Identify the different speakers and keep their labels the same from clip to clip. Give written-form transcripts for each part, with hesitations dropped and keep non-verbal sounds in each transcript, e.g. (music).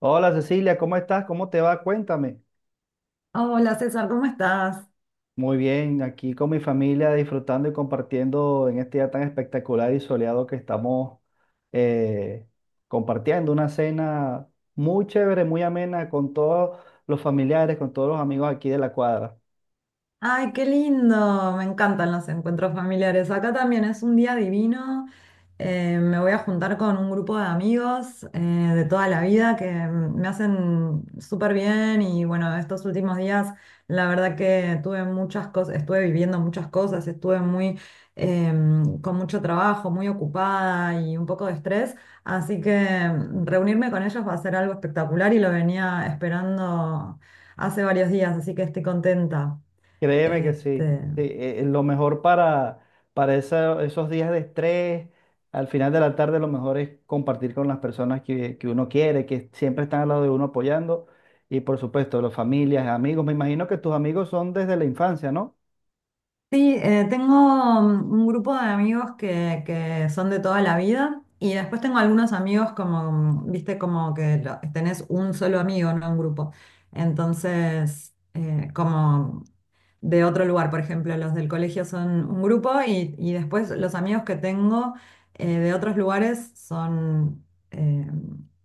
Speaker 1: Hola Cecilia, ¿cómo estás? ¿Cómo te va? Cuéntame.
Speaker 2: Ah, hola César, ¿cómo estás?
Speaker 1: Muy bien, aquí con mi familia disfrutando y compartiendo en este día tan espectacular y soleado que estamos eh, compartiendo una cena muy chévere, muy amena con todos los familiares, con todos los amigos aquí de la cuadra.
Speaker 2: Ay, qué lindo, me encantan los encuentros familiares. Acá también es un día divino. Me voy a juntar con un grupo de amigos de toda la vida que me hacen súper bien y bueno, estos últimos días la verdad que tuve muchas cosas, estuve viviendo muchas cosas, estuve muy con mucho trabajo, muy ocupada y un poco de estrés, así que reunirme con ellos va a ser algo espectacular y lo venía esperando hace varios días, así que estoy contenta.
Speaker 1: Créeme que sí. Sí,
Speaker 2: Este,
Speaker 1: lo mejor para esos días de estrés, al final de la tarde, lo mejor es compartir con las personas que uno quiere, que siempre están al lado de uno apoyando. Y por supuesto, las familias, amigos. Me imagino que tus amigos son desde la infancia, ¿no?
Speaker 2: sí, tengo un grupo de amigos que son de toda la vida y después tengo algunos amigos como, viste, como que tenés un solo amigo, no un grupo. Entonces, como de otro lugar. Por ejemplo, los del colegio son un grupo y después los amigos que tengo de otros lugares son, eh,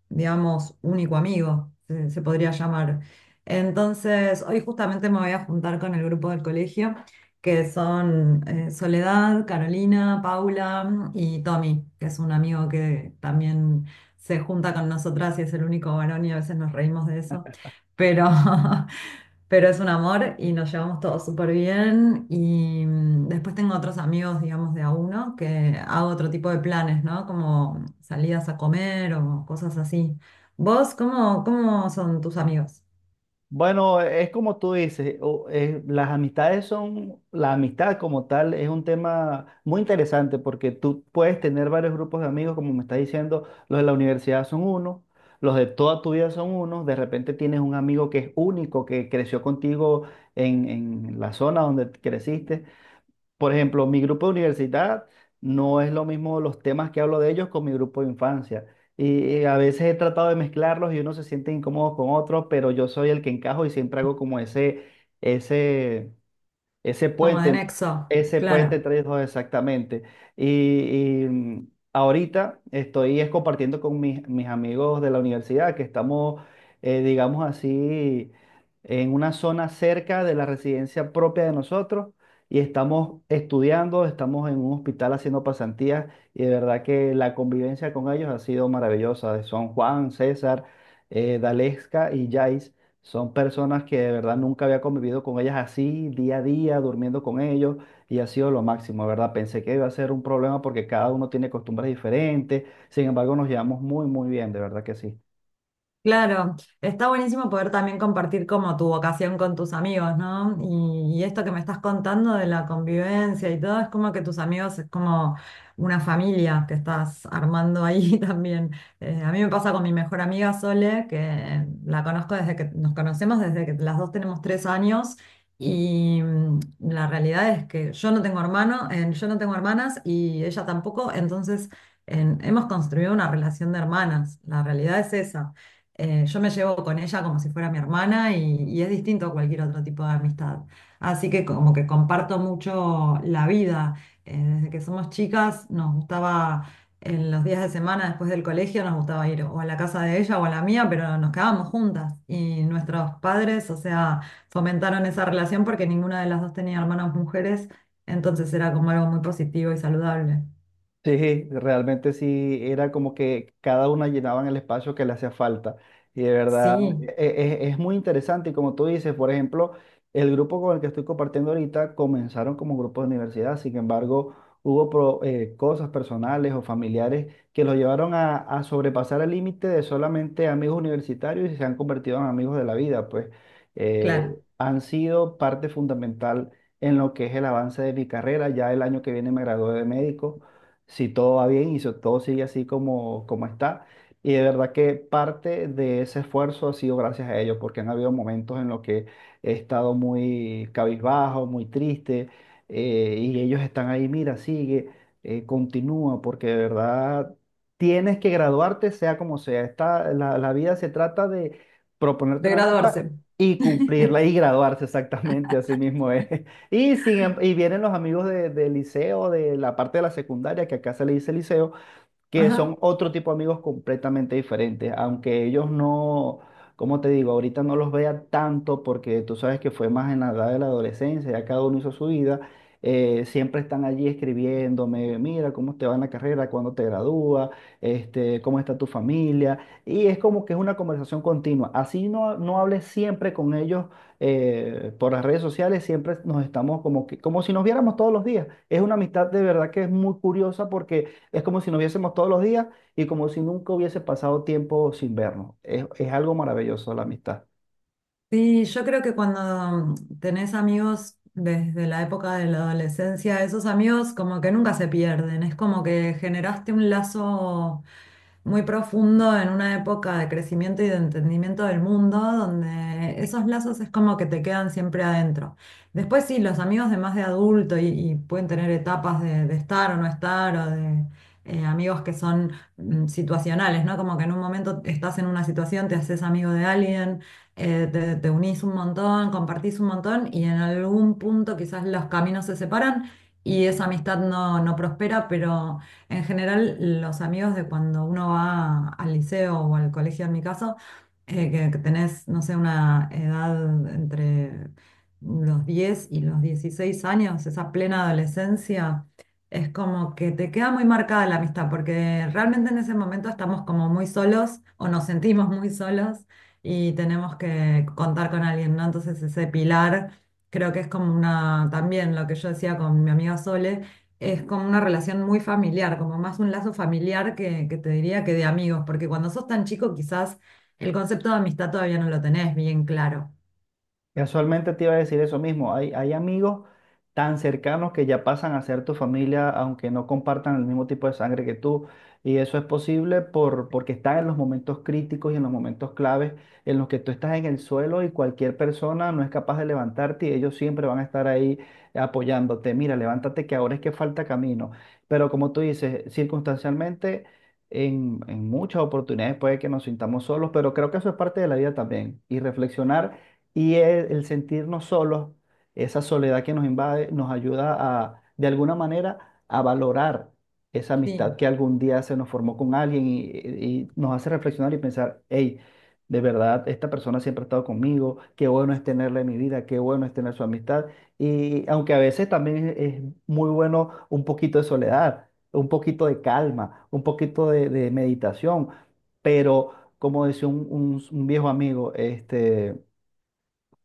Speaker 2: digamos, único amigo, se podría llamar. Entonces, hoy justamente me voy a juntar con el grupo del colegio, que son Soledad, Carolina, Paula y Tommy, que es un amigo que también se junta con nosotras y es el único varón y a veces nos reímos de eso. Pero (laughs) pero es un amor y nos llevamos todos súper bien. Y después tengo otros amigos, digamos, de a uno, que hago otro tipo de planes, ¿no? Como salidas a comer o cosas así. ¿Vos cómo, cómo son tus amigos?
Speaker 1: Bueno, es como tú dices, las amistades son, la amistad como tal es un tema muy interesante porque tú puedes tener varios grupos de amigos, como me estás diciendo, los de la universidad son uno, los de toda tu vida son unos, de repente tienes un amigo que es único, que creció contigo en la zona donde creciste. Por ejemplo, mi grupo de universidad no es lo mismo los temas que hablo de ellos con mi grupo de infancia. Y a veces he tratado de mezclarlos y uno se siente incómodo con otros, pero yo soy el que encajo y siempre hago como ese, ese
Speaker 2: Como
Speaker 1: puente,
Speaker 2: de nexo,
Speaker 1: ese
Speaker 2: claro.
Speaker 1: puente entre ellos dos, exactamente. Ahorita estoy es compartiendo con mis amigos de la universidad que estamos, digamos así, en una zona cerca de la residencia propia de nosotros y estamos estudiando, estamos en un hospital haciendo pasantías, y de verdad que la convivencia con ellos ha sido maravillosa. Son Juan, César, Dalesca y Jais. Son personas que de verdad nunca había convivido con ellas así, día a día, durmiendo con ellos, y ha sido lo máximo, de ¿verdad? Pensé que iba a ser un problema porque cada uno tiene costumbres diferentes, sin embargo nos llevamos muy, muy bien, de verdad que sí.
Speaker 2: Claro, está buenísimo poder también compartir como tu vocación con tus amigos, ¿no? Y esto que me estás contando de la convivencia y todo, es como que tus amigos es como una familia que estás armando ahí (laughs) también. A mí me pasa con mi mejor amiga Sole, que la conozco desde que nos conocemos, desde que las dos tenemos 3 años. Y la realidad es que yo no tengo hermano, yo no tengo hermanas y ella tampoco, entonces hemos construido una relación de hermanas. La realidad es esa. Yo me llevo con ella como si fuera mi hermana y es distinto a cualquier otro tipo de amistad. Así que como que comparto mucho la vida. Desde que somos chicas nos gustaba, en los días de semana después del colegio nos gustaba ir o a la casa de ella o a la mía, pero nos quedábamos juntas. Y nuestros padres, o sea, fomentaron esa relación porque ninguna de las dos tenía hermanas mujeres, entonces era como algo muy positivo y saludable.
Speaker 1: Sí, realmente sí, era como que cada una llenaban el espacio que le hacía falta. Y de verdad,
Speaker 2: Sí,
Speaker 1: es muy interesante. Y como tú dices, por ejemplo, el grupo con el que estoy compartiendo ahorita comenzaron como un grupo de universidad. Sin embargo, hubo cosas personales o familiares que los llevaron a sobrepasar el límite de solamente amigos universitarios y se han convertido en amigos de la vida. Pues
Speaker 2: claro,
Speaker 1: han sido parte fundamental en lo que es el avance de mi carrera. Ya el año que viene me gradué de médico si todo va bien y si todo sigue así como está. Y de verdad que parte de ese esfuerzo ha sido gracias a ellos, porque han habido momentos en los que he estado muy cabizbajo, muy triste, y ellos están ahí, mira, sigue, continúa, porque de verdad tienes que graduarte sea como sea. La vida se trata de proponerte
Speaker 2: de
Speaker 1: una meta
Speaker 2: graduarse.
Speaker 1: y
Speaker 2: (laughs)
Speaker 1: cumplirla y graduarse, exactamente, así mismo es. Y, sin em- Y vienen los amigos del liceo, de la parte de la secundaria, que acá se le dice liceo, que son
Speaker 2: Ajá.
Speaker 1: otro tipo de amigos completamente diferentes. Aunque ellos no, como te digo, ahorita no los vea tanto porque tú sabes que fue más en la edad de la adolescencia, ya cada uno hizo su vida, siempre están allí escribiéndome, mira, cómo te va en la carrera, cuándo te gradúas, este, cómo está tu familia, y es como que es una conversación continua, así no hables siempre con ellos por las redes sociales, siempre nos estamos como que, como si nos viéramos todos los días. Es una amistad de verdad que es muy curiosa, porque es como si nos viésemos todos los días y como si nunca hubiese pasado tiempo sin vernos. Es algo maravilloso la amistad.
Speaker 2: Sí, yo creo que cuando tenés amigos desde la época de la adolescencia, esos amigos como que nunca se pierden, es como que generaste un lazo muy profundo en una época de crecimiento y de entendimiento del mundo, donde esos lazos es como que te quedan siempre adentro. Después sí, los amigos de más de adulto y pueden tener etapas de estar o no estar amigos que son situacionales, ¿no? Como que en un momento estás en una situación, te haces amigo de alguien, te unís un montón, compartís un montón y en algún punto quizás los caminos se separan y esa amistad no, no prospera, pero en general, los amigos de cuando uno va al liceo o al colegio, en mi caso, que tenés, no sé, una edad entre los 10 y los 16 años, esa plena adolescencia, es como que te queda muy marcada la amistad, porque realmente en ese momento estamos como muy solos o nos sentimos muy solos y tenemos que contar con alguien, ¿no? Entonces ese pilar creo que es como una, también lo que yo decía con mi amiga Sole es como una relación muy familiar, como más un lazo familiar que te diría que de amigos, porque cuando sos tan chico quizás el concepto de amistad todavía no lo tenés bien claro.
Speaker 1: Casualmente te iba a decir eso mismo. Hay amigos tan cercanos que ya pasan a ser tu familia, aunque no compartan el mismo tipo de sangre que tú. Y eso es posible porque están en los momentos críticos y en los momentos claves en los que tú estás en el suelo y cualquier persona no es capaz de levantarte, y ellos siempre van a estar ahí apoyándote. Mira, levántate que ahora es que falta camino. Pero como tú dices, circunstancialmente, en muchas oportunidades puede que nos sintamos solos, pero creo que eso es parte de la vida también. Y reflexionar. Y el sentirnos solos, esa soledad que nos invade, nos ayuda a, de alguna manera, a valorar esa amistad
Speaker 2: Sí,
Speaker 1: que algún día se nos formó con alguien, y nos hace reflexionar y pensar, hey, de verdad, esta persona siempre ha estado conmigo, qué bueno es tenerla en mi vida, qué bueno es tener su amistad. Y aunque a veces también es muy bueno un poquito de soledad, un poquito de calma, un poquito de meditación, pero como decía un viejo amigo, este...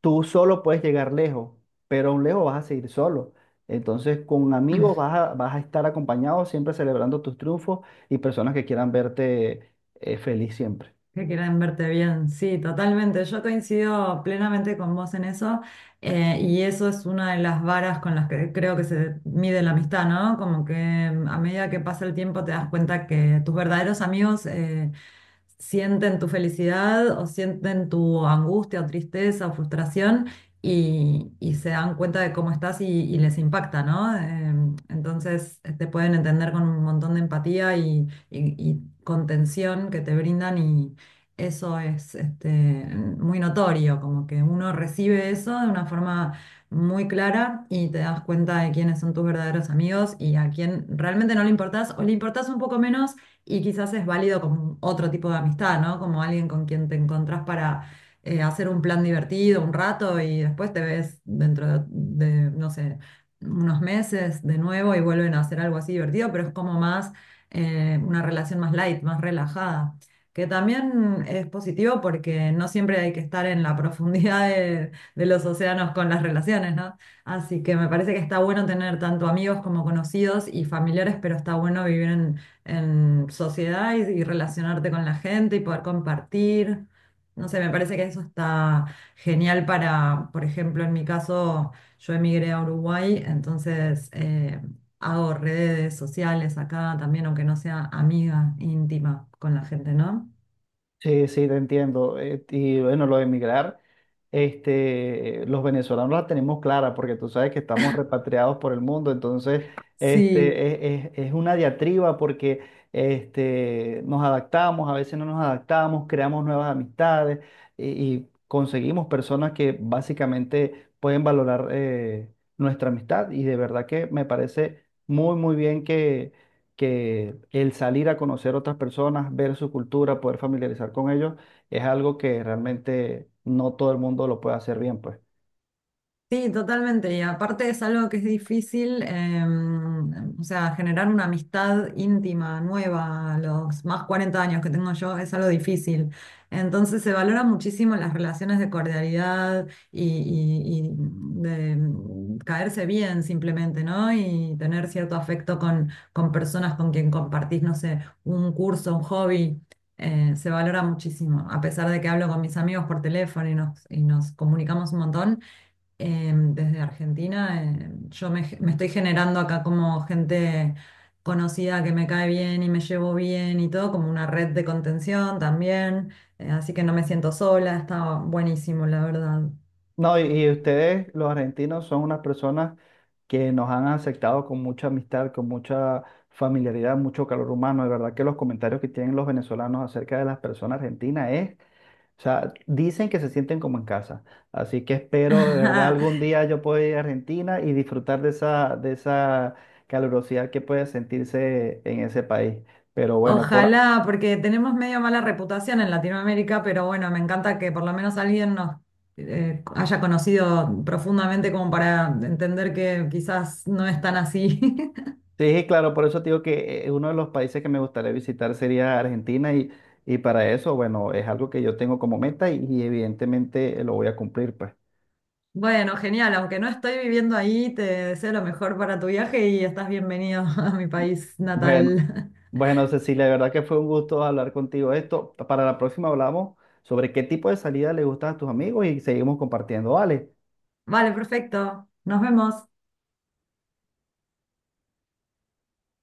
Speaker 1: Tú solo puedes llegar lejos, pero aún lejos vas a seguir solo. Entonces, con amigos
Speaker 2: (laughs)
Speaker 1: vas a estar acompañado, siempre celebrando tus triunfos y personas que quieran verte feliz siempre.
Speaker 2: que quieran verte bien, sí, totalmente. Yo coincido plenamente con vos en eso y eso es una de las varas con las que creo que se mide la amistad, ¿no? Como que a medida que pasa el tiempo te das cuenta que tus verdaderos amigos, sienten tu felicidad o sienten tu angustia o tristeza o frustración y se dan cuenta de cómo estás y les impacta, ¿no? Entonces te pueden entender con un montón de empatía y contención que te brindan y eso es muy notorio, como que uno recibe eso de una forma muy clara y te das cuenta de quiénes son tus verdaderos amigos y a quién realmente no le importás o le importás un poco menos y quizás es válido como otro tipo de amistad, ¿no? Como alguien con quien te encontrás para hacer un plan divertido un rato y después te ves dentro de, no sé, unos meses de nuevo y vuelven a hacer algo así divertido, pero es como más una relación más light, más relajada. Que también es positivo porque no siempre hay que estar en la (laughs) profundidad de los océanos con las relaciones, ¿no? Así que me parece que está bueno tener tanto amigos como conocidos y familiares, pero está bueno vivir en sociedad y relacionarte con la gente y poder compartir. No sé, me parece que eso está genial para, por ejemplo, en mi caso, yo emigré a Uruguay, entonces hago redes sociales acá también, aunque no sea amiga íntima con la gente, ¿no?
Speaker 1: Sí, sí, te entiendo. Y bueno, lo de emigrar, este, los venezolanos la tenemos clara porque tú sabes que estamos repatriados por el mundo. Entonces
Speaker 2: Sí.
Speaker 1: este, es una diatriba porque este, nos adaptamos, a veces no nos adaptamos, creamos nuevas amistades y, y conseguimos personas que básicamente pueden valorar nuestra amistad, y de verdad que me parece muy, muy bien que el salir a conocer otras personas, ver su cultura, poder familiarizar con ellos, es algo que realmente no todo el mundo lo puede hacer bien, pues.
Speaker 2: Sí, totalmente. Y aparte es algo que es difícil, o sea, generar una amistad íntima, nueva, a los más 40 años que tengo yo, es algo difícil. Entonces se valora muchísimo las relaciones de cordialidad y de caerse bien simplemente, ¿no? Y tener cierto afecto con personas con quien compartís, no sé, un curso, un hobby. Se valora muchísimo, a pesar de que hablo con mis amigos por teléfono y nos comunicamos un montón desde Argentina, yo me estoy generando acá como gente conocida que me cae bien y me llevo bien y todo, como una red de contención también, así que no me siento sola, está buenísimo, la verdad.
Speaker 1: No, y ustedes, los argentinos, son unas personas que nos han aceptado con mucha amistad, con mucha familiaridad, mucho calor humano. De verdad que los comentarios que tienen los venezolanos acerca de las personas argentinas es, o sea, dicen que se sienten como en casa. Así que espero de verdad
Speaker 2: (laughs)
Speaker 1: algún día yo pueda ir a Argentina y disfrutar de de esa calurosidad que puede sentirse en ese país. Pero bueno,
Speaker 2: Ojalá, porque tenemos medio mala reputación en Latinoamérica, pero bueno, me encanta que por lo menos alguien nos haya conocido profundamente como para entender que quizás no es tan así. (laughs)
Speaker 1: sí, claro, por eso te digo que uno de los países que me gustaría visitar sería Argentina, y para eso, bueno, es algo que yo tengo como meta y evidentemente lo voy a cumplir, pues.
Speaker 2: Bueno, genial, aunque no estoy viviendo ahí, te deseo lo mejor para tu viaje y estás bienvenido (laughs) a mi país
Speaker 1: Bueno.
Speaker 2: natal.
Speaker 1: Bueno, Cecilia, de verdad que fue un gusto hablar contigo de esto. Para la próxima hablamos sobre qué tipo de salida le gustan a tus amigos y seguimos compartiendo. Vale.
Speaker 2: (laughs) Vale, perfecto. Nos vemos.